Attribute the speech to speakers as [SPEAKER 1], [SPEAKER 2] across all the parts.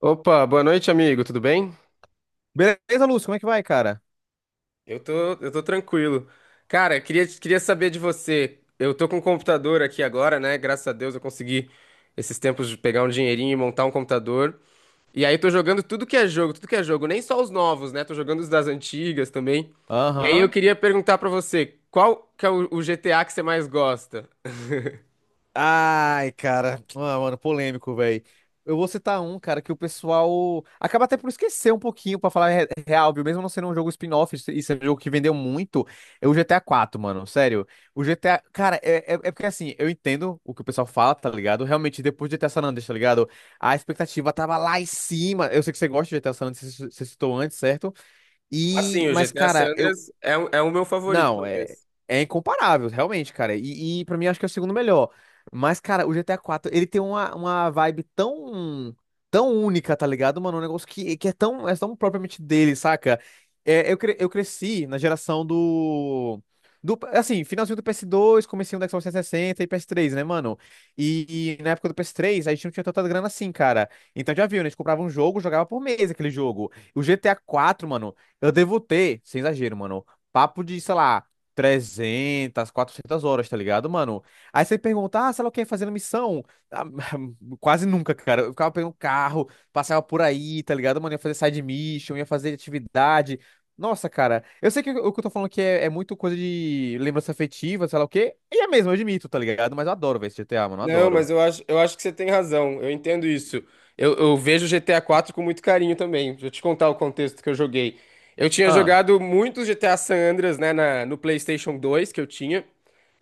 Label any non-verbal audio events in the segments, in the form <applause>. [SPEAKER 1] Opa, boa noite, amigo. Tudo bem?
[SPEAKER 2] Beleza, Lúcio, como é que vai, cara?
[SPEAKER 1] Eu tô, eu tô tranquilo. Cara, queria saber de você. Eu tô com um computador aqui agora, né? Graças a Deus eu consegui esses tempos de pegar um dinheirinho e montar um computador. E aí tô jogando tudo que é jogo, tudo que é jogo, nem só os novos, né? Tô jogando os das antigas também. E aí eu
[SPEAKER 2] Aham.
[SPEAKER 1] queria perguntar pra você, qual que é o GTA que você mais gosta?
[SPEAKER 2] Ai, cara. Ah, mano, polêmico, velho. Eu vou citar um, cara, que o pessoal acaba até por esquecer um pouquinho, pra falar real, viu? Mesmo não sendo um jogo spin-off, isso é um jogo que vendeu muito, é o GTA 4, mano. Sério. O GTA. Cara, é porque assim, eu entendo o que o pessoal fala, tá ligado? Realmente, depois de GTA San Andreas, tá ligado? A expectativa tava lá em cima. Eu sei que você gosta de GTA San Andreas, você citou antes, certo? E,
[SPEAKER 1] Assim, o
[SPEAKER 2] mas,
[SPEAKER 1] GTA San
[SPEAKER 2] cara,
[SPEAKER 1] Andreas é, é o meu favorito,
[SPEAKER 2] não, é,
[SPEAKER 1] talvez.
[SPEAKER 2] é incomparável, realmente, cara. E para mim acho que é o segundo melhor. Mas, cara, o GTA IV, ele tem uma vibe tão única, tá ligado, mano? Um negócio que é tão propriamente dele, saca? Eu cresci na geração do, do. Assim, finalzinho do PS2, comecinho do Xbox 360 e PS3, né, mano? E na época do PS3 a gente não tinha tanta grana assim, cara. Então já viu, né? A gente comprava um jogo, jogava por mês aquele jogo. O GTA IV, mano, eu devo ter, sem exagero, mano. Papo de, sei lá, 300 400 horas, tá ligado, mano? Aí você pergunta, ah, sei lá o que, fazendo missão. Ah, <laughs> quase nunca, cara. Eu ficava pegando carro, passava por aí, tá ligado, mano? Ia fazer side mission, ia fazer atividade. Nossa, cara, eu sei que o que eu tô falando aqui é muito coisa de lembrança afetiva, sei lá o quê. E é mesmo, eu admito, tá ligado? Mas eu adoro ver esse GTA, mano, eu
[SPEAKER 1] Não, mas
[SPEAKER 2] adoro.
[SPEAKER 1] eu acho que você tem razão. Eu entendo isso. Eu vejo GTA 4 com muito carinho também. Deixa eu te contar o contexto que eu joguei. Eu tinha
[SPEAKER 2] Ah,
[SPEAKER 1] jogado muito GTA San Andreas, né, no PlayStation 2 que eu tinha.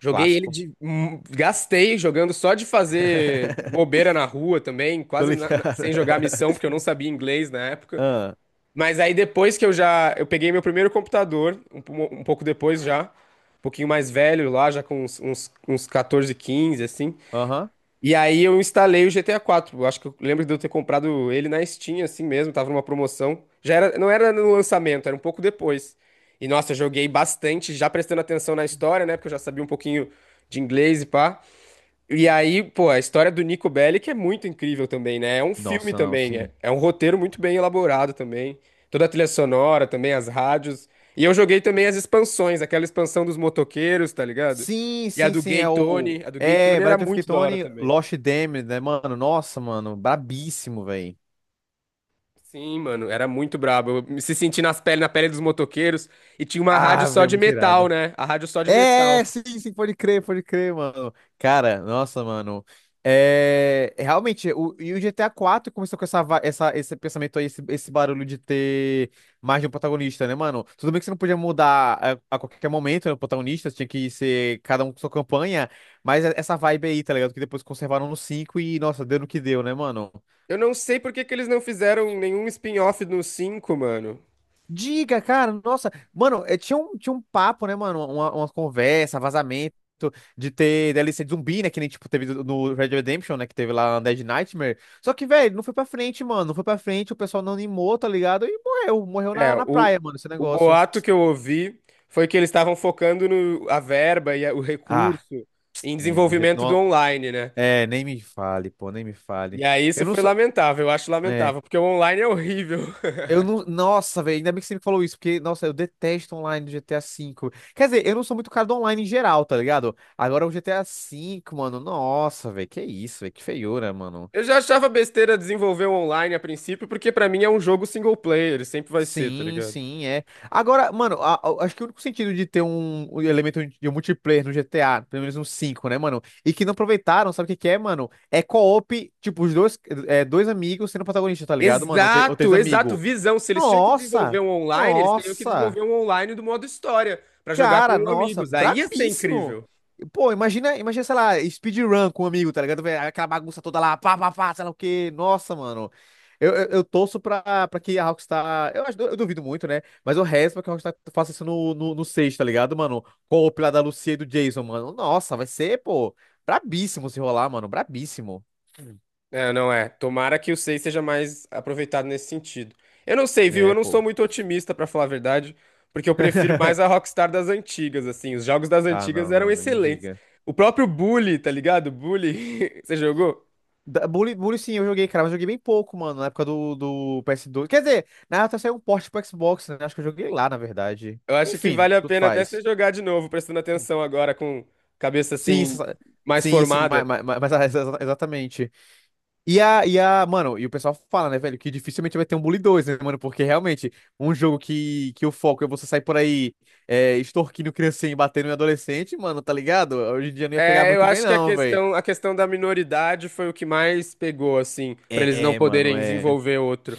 [SPEAKER 1] Joguei ele
[SPEAKER 2] clássico.
[SPEAKER 1] de. Gastei jogando só de fazer
[SPEAKER 2] <laughs>
[SPEAKER 1] bobeira na rua também,
[SPEAKER 2] Tô
[SPEAKER 1] quase
[SPEAKER 2] ligado.
[SPEAKER 1] sem jogar missão, porque eu
[SPEAKER 2] <laughs>
[SPEAKER 1] não sabia inglês na época.
[SPEAKER 2] Ah,
[SPEAKER 1] Mas aí depois que eu já. Eu peguei meu primeiro computador, um, um pouco depois já. Um pouquinho mais velho lá, já com uns 14, 15, assim.
[SPEAKER 2] aham.
[SPEAKER 1] E aí eu instalei o GTA 4. Eu acho que eu lembro de eu ter comprado ele na Steam, assim mesmo, tava numa promoção. Já era, não era no lançamento, era um pouco depois. E nossa, eu joguei bastante, já prestando atenção na história, né? Porque eu já sabia um pouquinho de inglês e pá. E aí, pô, a história do Nico Bellic é muito incrível também, né? É um filme
[SPEAKER 2] Nossa, não,
[SPEAKER 1] também, é,
[SPEAKER 2] sim.
[SPEAKER 1] é um roteiro muito bem elaborado também. Toda a trilha sonora também, as rádios. E eu joguei também as expansões, aquela expansão dos motoqueiros, tá ligado?
[SPEAKER 2] Sim,
[SPEAKER 1] E a
[SPEAKER 2] sim,
[SPEAKER 1] do
[SPEAKER 2] sim,
[SPEAKER 1] Gay
[SPEAKER 2] é o.
[SPEAKER 1] Tony, a do Gay
[SPEAKER 2] É,
[SPEAKER 1] Tony era
[SPEAKER 2] Bride of
[SPEAKER 1] muito da hora
[SPEAKER 2] Ketone,
[SPEAKER 1] também.
[SPEAKER 2] Lost Damned, né, mano? Nossa, mano, brabíssimo, velho.
[SPEAKER 1] Sim, mano, era muito brabo. Eu me se senti nas pele, na pele dos motoqueiros e tinha uma rádio
[SPEAKER 2] Ah,
[SPEAKER 1] só
[SPEAKER 2] velho,
[SPEAKER 1] de
[SPEAKER 2] muito
[SPEAKER 1] metal,
[SPEAKER 2] irado.
[SPEAKER 1] né? A rádio só de
[SPEAKER 2] É,
[SPEAKER 1] metal.
[SPEAKER 2] sim, sim, pode crer, mano. Cara, nossa, mano. É, realmente, e o GTA IV começou com essa, esse pensamento aí, esse barulho de ter mais de um protagonista, né, mano? Tudo bem que você não podia mudar a qualquer momento, né, o protagonista, tinha que ser cada um com sua campanha, mas essa vibe aí, tá ligado? Que depois conservaram no 5 e, nossa, deu no que deu, né, mano?
[SPEAKER 1] Eu não sei por que que eles não fizeram nenhum spin-off no cinco, mano.
[SPEAKER 2] Diga, cara, nossa, mano, tinha um papo, né, mano, uma conversa, vazamento de ter DLC de zumbi, né, que nem, tipo, teve no Red Dead Redemption, né, que teve lá na Dead Nightmare, só que, velho, não foi pra frente, mano, não foi pra frente, o pessoal não animou, tá ligado, e morreu, morreu
[SPEAKER 1] É,
[SPEAKER 2] na praia, mano, esse
[SPEAKER 1] o
[SPEAKER 2] negócio.
[SPEAKER 1] boato que eu ouvi foi que eles estavam focando no, a verba e o
[SPEAKER 2] Ah,
[SPEAKER 1] recurso em
[SPEAKER 2] né, no jeito,
[SPEAKER 1] desenvolvimento do
[SPEAKER 2] não,
[SPEAKER 1] online, né?
[SPEAKER 2] é, nem me fale, pô, nem me
[SPEAKER 1] E
[SPEAKER 2] fale.
[SPEAKER 1] aí isso
[SPEAKER 2] Eu não
[SPEAKER 1] foi
[SPEAKER 2] sou,
[SPEAKER 1] lamentável, eu acho
[SPEAKER 2] é,
[SPEAKER 1] lamentável, porque o online é horrível. <laughs>
[SPEAKER 2] eu não. Nossa, velho, ainda bem que você me falou isso, porque, nossa, eu detesto online do GTA V. Quer dizer, eu não sou muito cara do online em geral, tá ligado? Agora o GTA V, mano, nossa, velho, que isso, velho, que feiura, mano.
[SPEAKER 1] Eu já achava besteira desenvolver o online a princípio, porque pra mim é um jogo single player, sempre vai ser, tá
[SPEAKER 2] Sim,
[SPEAKER 1] ligado?
[SPEAKER 2] sim, é. Agora, mano, acho que o único sentido de ter um elemento de um multiplayer no GTA, pelo menos no 5 né, mano? E que não aproveitaram, sabe o que que é, mano? É co-op, tipo, os dois, dois amigos sendo protagonista, tá ligado, mano? Ou três
[SPEAKER 1] Exato, exato,
[SPEAKER 2] amigos.
[SPEAKER 1] visão. Se eles tinham que
[SPEAKER 2] Nossa!
[SPEAKER 1] desenvolver um online, eles teriam que
[SPEAKER 2] Nossa!
[SPEAKER 1] desenvolver um online do modo história, pra jogar
[SPEAKER 2] Cara,
[SPEAKER 1] com
[SPEAKER 2] nossa,
[SPEAKER 1] amigos. Aí ia ser
[SPEAKER 2] brabíssimo.
[SPEAKER 1] incrível.
[SPEAKER 2] Pô, imagina, imagina, sei lá, speedrun com um amigo, tá ligado? Vê aquela bagunça toda lá, pá, pá, pá, sei lá o quê. Nossa, mano. Eu torço pra que a Rockstar. Eu duvido muito, né? Mas eu rezo pra que a Rockstar faça isso no 6, tá ligado, mano? Com o pilar da Lucia e do Jason, mano. Nossa, vai ser, pô, brabíssimo se rolar, mano. Brabíssimo.
[SPEAKER 1] É, não é. Tomara que o 6 seja mais aproveitado nesse sentido. Eu não sei, viu? Eu
[SPEAKER 2] É,
[SPEAKER 1] não sou
[SPEAKER 2] pô.
[SPEAKER 1] muito otimista, pra falar a verdade, porque eu prefiro mais a Rockstar das antigas, assim. Os jogos das
[SPEAKER 2] Ah,
[SPEAKER 1] antigas
[SPEAKER 2] não,
[SPEAKER 1] eram
[SPEAKER 2] não, nem me
[SPEAKER 1] excelentes.
[SPEAKER 2] diga.
[SPEAKER 1] O próprio Bully, tá ligado? Bully, <laughs> você jogou?
[SPEAKER 2] Bully, Bully sim, eu joguei, cara, mas joguei bem pouco, mano, na época do PS2. Quer dizer, na época saiu um porte pro Xbox, né? Acho que eu joguei lá, na verdade.
[SPEAKER 1] Eu acho que
[SPEAKER 2] Enfim,
[SPEAKER 1] vale a
[SPEAKER 2] tudo
[SPEAKER 1] pena até você
[SPEAKER 2] faz.
[SPEAKER 1] jogar de novo, prestando atenção agora com cabeça
[SPEAKER 2] Sim,
[SPEAKER 1] assim mais
[SPEAKER 2] sim, sim, mas,
[SPEAKER 1] formada.
[SPEAKER 2] mas, mas- mas- ah, exatamente. E a, mano, e o pessoal fala, né, velho, que dificilmente vai ter um Bully 2, né, mano? Porque realmente, um jogo que o foco é você sair por aí, extorquindo criancinha e batendo em adolescente, mano, tá ligado? Hoje em dia não ia pegar
[SPEAKER 1] É, eu
[SPEAKER 2] muito bem,
[SPEAKER 1] acho que
[SPEAKER 2] não, velho.
[SPEAKER 1] a questão da minoridade foi o que mais pegou, assim, pra eles não
[SPEAKER 2] É, mano,
[SPEAKER 1] poderem
[SPEAKER 2] é.
[SPEAKER 1] desenvolver outro.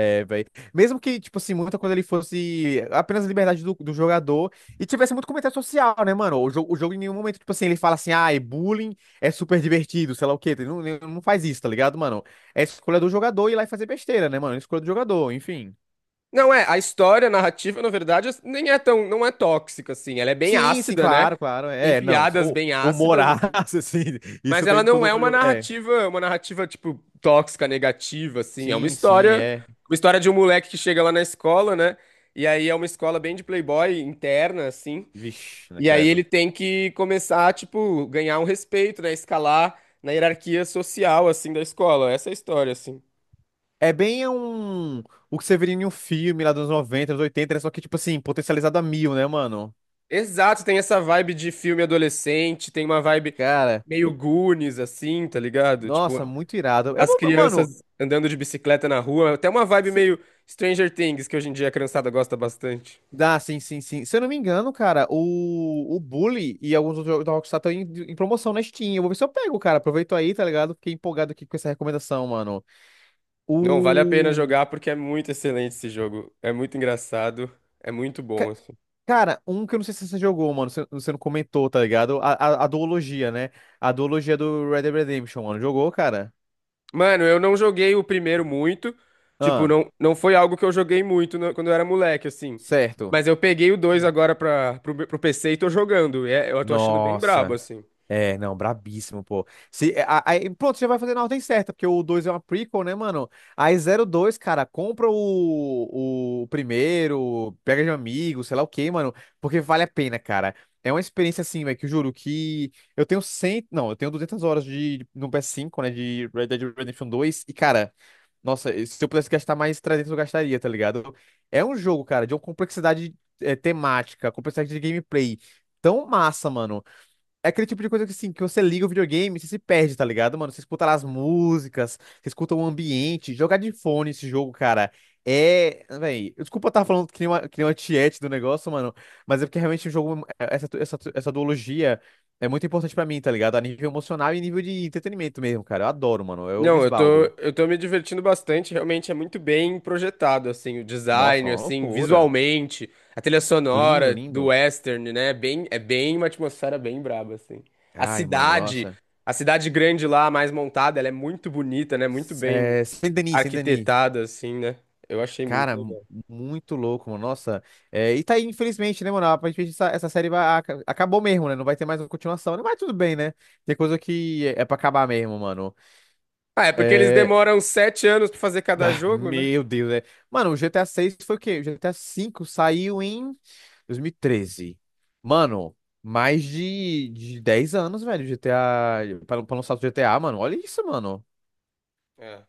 [SPEAKER 2] É, velho. Mesmo que, tipo assim, muita coisa ele fosse apenas a liberdade do jogador e tivesse muito comentário social, né, mano? O jogo em nenhum momento, tipo assim, ele fala assim, ah, bullying é super divertido, sei lá o quê. Ele não faz isso, tá ligado, mano? É escolha do jogador ir lá e fazer besteira, né, mano? É escolha do jogador, enfim.
[SPEAKER 1] Não é, a história, a narrativa, na verdade, nem é tão, não é tóxica, assim. Ela é bem
[SPEAKER 2] Sim, sim,
[SPEAKER 1] ácida, né?
[SPEAKER 2] claro, claro.
[SPEAKER 1] Tem
[SPEAKER 2] É, não.
[SPEAKER 1] piadas
[SPEAKER 2] O,
[SPEAKER 1] bem
[SPEAKER 2] o
[SPEAKER 1] ácidas,
[SPEAKER 2] morar, <laughs>
[SPEAKER 1] assim.
[SPEAKER 2] assim,
[SPEAKER 1] Mas
[SPEAKER 2] isso
[SPEAKER 1] ela
[SPEAKER 2] tem em
[SPEAKER 1] não
[SPEAKER 2] todo
[SPEAKER 1] é
[SPEAKER 2] jogo. É.
[SPEAKER 1] uma narrativa, tipo, tóxica, negativa, assim. É
[SPEAKER 2] Sim, sim, é.
[SPEAKER 1] uma história de um moleque que chega lá na escola, né? E aí é uma escola bem de playboy interna, assim.
[SPEAKER 2] Vixe, né,
[SPEAKER 1] E aí
[SPEAKER 2] credo.
[SPEAKER 1] ele tem que começar, tipo, ganhar um respeito, né? Escalar na hierarquia social, assim, da escola. Essa é a história, assim.
[SPEAKER 2] É bem um. O que você veria em um filme lá dos anos 90, anos 80, né? Só que, tipo assim, potencializado a mil, né, mano?
[SPEAKER 1] Exato, tem essa vibe de filme adolescente, tem uma vibe
[SPEAKER 2] Cara,
[SPEAKER 1] meio Goonies, assim, tá ligado? Tipo,
[SPEAKER 2] nossa, muito irado. Eu,
[SPEAKER 1] as
[SPEAKER 2] vou- mano,
[SPEAKER 1] crianças andando de bicicleta na rua. Até uma vibe
[SPEAKER 2] se...
[SPEAKER 1] meio Stranger Things, que hoje em dia a criançada gosta bastante.
[SPEAKER 2] dá, sim, sim, sim. Se eu não me engano, cara, o Bully e alguns outros jogos da Rockstar estão em promoção na Steam. Eu vou ver se eu pego, cara. Aproveito aí, tá ligado? Fiquei empolgado aqui com essa recomendação, mano.
[SPEAKER 1] Não, vale a pena
[SPEAKER 2] O.
[SPEAKER 1] jogar porque é muito excelente esse jogo. É muito engraçado, é muito bom,
[SPEAKER 2] ca-
[SPEAKER 1] assim.
[SPEAKER 2] Cara, um que eu não sei se você jogou, mano, você não comentou, tá ligado? A duologia, né? A duologia do Red Dead Redemption, mano. Jogou, cara?
[SPEAKER 1] Mano, eu não joguei o primeiro muito. Tipo,
[SPEAKER 2] Ah,
[SPEAKER 1] não, não foi algo que eu joguei muito quando eu era moleque, assim.
[SPEAKER 2] certo.
[SPEAKER 1] Mas eu peguei o dois agora pra, pro PC e tô jogando. E eu tô achando bem brabo,
[SPEAKER 2] Nossa.
[SPEAKER 1] assim.
[SPEAKER 2] É, não, brabíssimo, pô. Se, é, a- aí, pronto, você vai fazer na ordem certa, porque o 2 é uma prequel, né, mano? Aí zero dois cara, compra o primeiro, pega de amigo, sei lá o quê, mano, porque vale a pena, cara. É uma experiência assim, velho, que eu juro que eu tenho 100, não, eu tenho 200 horas de, no PS5 né, de Red Dead Redemption dois e, cara, nossa, se eu pudesse gastar mais 300, eu gastaria, tá ligado? É um jogo, cara, de uma complexidade temática, complexidade de gameplay tão massa, mano, é aquele tipo de coisa que, assim, que você liga o videogame e você se perde, tá ligado, mano? Você escuta lá as músicas, você escuta o ambiente. Jogar de fone esse jogo, cara, é... Véi, desculpa eu estar falando que nem uma tiete do negócio, mano, mas é porque realmente o jogo, essa duologia é muito importante pra mim, tá ligado? A nível emocional e nível de entretenimento mesmo, cara. Eu adoro, mano. Eu me
[SPEAKER 1] Não, eu tô,
[SPEAKER 2] esbaldo.
[SPEAKER 1] eu tô me divertindo bastante. Realmente é muito bem projetado, assim. O
[SPEAKER 2] Nossa,
[SPEAKER 1] design,
[SPEAKER 2] uma
[SPEAKER 1] assim,
[SPEAKER 2] loucura.
[SPEAKER 1] visualmente. A trilha
[SPEAKER 2] Lindo,
[SPEAKER 1] sonora do
[SPEAKER 2] lindo.
[SPEAKER 1] western, né? É bem uma atmosfera bem braba, assim. A
[SPEAKER 2] Ai, mano,
[SPEAKER 1] cidade,
[SPEAKER 2] nossa.
[SPEAKER 1] a cidade grande lá, mais montada, ela é muito bonita, né? Muito bem
[SPEAKER 2] É, Saint Denis, Saint Denis.
[SPEAKER 1] arquitetada, assim, né? Eu achei muito
[SPEAKER 2] Cara,
[SPEAKER 1] legal.
[SPEAKER 2] muito louco, mano. Nossa. É, e tá aí, infelizmente, né, mano? Aparentemente essa série vai, acabou mesmo, né? Não vai ter mais uma continuação, né? Mas tudo bem, né? Tem coisa que é pra acabar mesmo, mano.
[SPEAKER 1] Ah, é porque eles
[SPEAKER 2] É...
[SPEAKER 1] demoram sete anos pra fazer
[SPEAKER 2] <laughs>
[SPEAKER 1] cada
[SPEAKER 2] ah,
[SPEAKER 1] jogo, né?
[SPEAKER 2] meu Deus, é. Mano, o GTA 6 foi o quê? O GTA 5 saiu em 2013. Mano, mais de 10 anos, velho, GTA. Pra lançar o GTA, mano. Olha isso, mano.
[SPEAKER 1] É,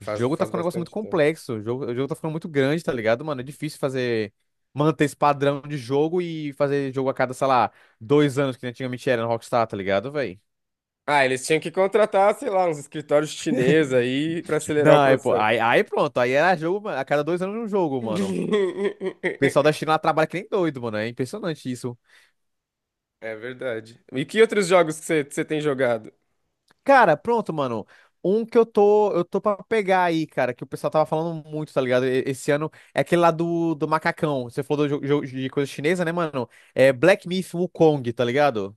[SPEAKER 2] O jogo tá
[SPEAKER 1] faz
[SPEAKER 2] ficando um negócio muito
[SPEAKER 1] bastante tempo.
[SPEAKER 2] complexo. O jogo tá ficando muito grande, tá ligado, mano? É difícil fazer. Manter esse padrão de jogo e fazer jogo a cada, sei lá, 2 anos, que nem antigamente era no Rockstar, tá ligado, velho?
[SPEAKER 1] Ah, eles tinham que contratar, sei lá, uns escritórios chineses aí pra acelerar o
[SPEAKER 2] Não, aí, pô,
[SPEAKER 1] processo.
[SPEAKER 2] aí pronto. Aí era jogo, mano, a cada 2 anos um jogo, mano. O pessoal
[SPEAKER 1] <laughs>
[SPEAKER 2] da China lá trabalha que nem doido, mano. É impressionante isso.
[SPEAKER 1] É verdade. E que outros jogos que você tem jogado?
[SPEAKER 2] Cara, pronto, mano. Um que eu tô pra pegar aí, cara, que o pessoal tava falando muito, tá ligado? Esse ano é aquele lá do macacão. Você falou do jogo de coisa chinesa, né, mano? É Black Myth Wukong, tá ligado?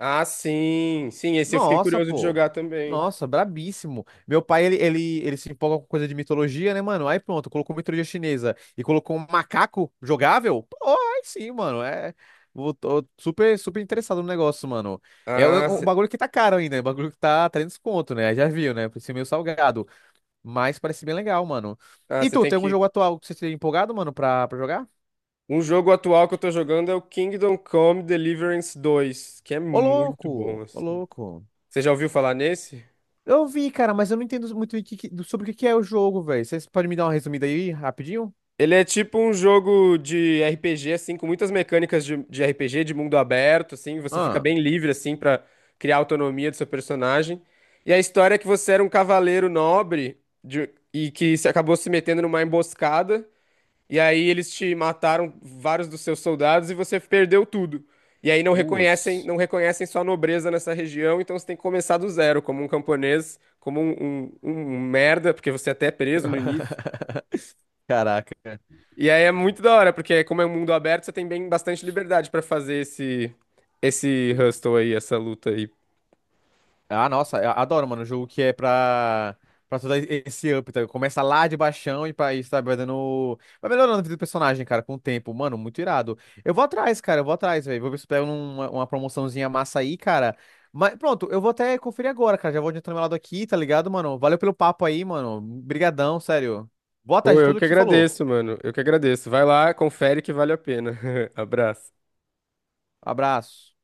[SPEAKER 1] Ah, sim, sim, esse eu fiquei
[SPEAKER 2] Nossa,
[SPEAKER 1] curioso de
[SPEAKER 2] pô.
[SPEAKER 1] jogar também.
[SPEAKER 2] Nossa, brabíssimo. Meu pai, ele se empolga com coisa de mitologia, né, mano? Aí pronto, colocou mitologia chinesa e colocou um macaco jogável? Pô, aí sim, mano. É. Tô super, super interessado no negócio, mano. É o,
[SPEAKER 1] Ah,
[SPEAKER 2] o
[SPEAKER 1] você
[SPEAKER 2] bagulho que tá caro ainda, é o bagulho que tá 300 conto, né? Já viu, né? Parece meio salgado, mas parece bem legal, mano. E
[SPEAKER 1] você
[SPEAKER 2] tu,
[SPEAKER 1] tem
[SPEAKER 2] tem algum
[SPEAKER 1] que.
[SPEAKER 2] jogo atual que você esteja empolgado, mano, pra jogar?
[SPEAKER 1] Um jogo atual que eu tô jogando é o Kingdom Come Deliverance 2, que é
[SPEAKER 2] Ô,
[SPEAKER 1] muito bom,
[SPEAKER 2] louco! Ô,
[SPEAKER 1] assim.
[SPEAKER 2] louco!
[SPEAKER 1] Você já ouviu falar nesse?
[SPEAKER 2] Eu vi, cara, mas eu não entendo muito o que que- do- sobre o que que é o jogo, velho. Vocês podem me dar uma resumida aí, rapidinho?
[SPEAKER 1] Ele é tipo um jogo de RPG, assim, com muitas mecânicas de RPG, de mundo aberto, assim. Você fica
[SPEAKER 2] Ah,
[SPEAKER 1] bem livre, assim, pra criar a autonomia do seu personagem. E a história é que você era um cavaleiro nobre e que se acabou se metendo numa emboscada. E aí eles te mataram vários dos seus soldados e você perdeu tudo. E aí não reconhecem,
[SPEAKER 2] putz.
[SPEAKER 1] não reconhecem sua nobreza nessa região, então você tem que começar do zero, como um camponês, como um, um merda, porque você até é preso no início.
[SPEAKER 2] <laughs> Caraca,
[SPEAKER 1] E aí é muito da hora, porque como é um mundo aberto, você tem bem bastante liberdade pra fazer esse hustle aí, essa luta aí.
[SPEAKER 2] ah, nossa, eu adoro, mano, jogo que é pra todo esse up, tá? Começa lá de baixão e, pra, e sabe, vai dando. Vai melhorando a vida do personagem, cara, com o tempo. Mano, muito irado. Eu vou atrás, cara, eu vou atrás, velho. Vou ver se eu pego uma promoçãozinha massa aí, cara. Mas pronto, eu vou até conferir agora, cara. Já vou adiantando meu lado aqui, tá ligado, mano? Valeu pelo papo aí, mano. Brigadão, sério. Boa
[SPEAKER 1] Pô,
[SPEAKER 2] tarde de
[SPEAKER 1] eu
[SPEAKER 2] tudo
[SPEAKER 1] que
[SPEAKER 2] que você falou.
[SPEAKER 1] agradeço, mano. Eu que agradeço. Vai lá, confere que vale a pena. <laughs> Abraço.
[SPEAKER 2] Abraço.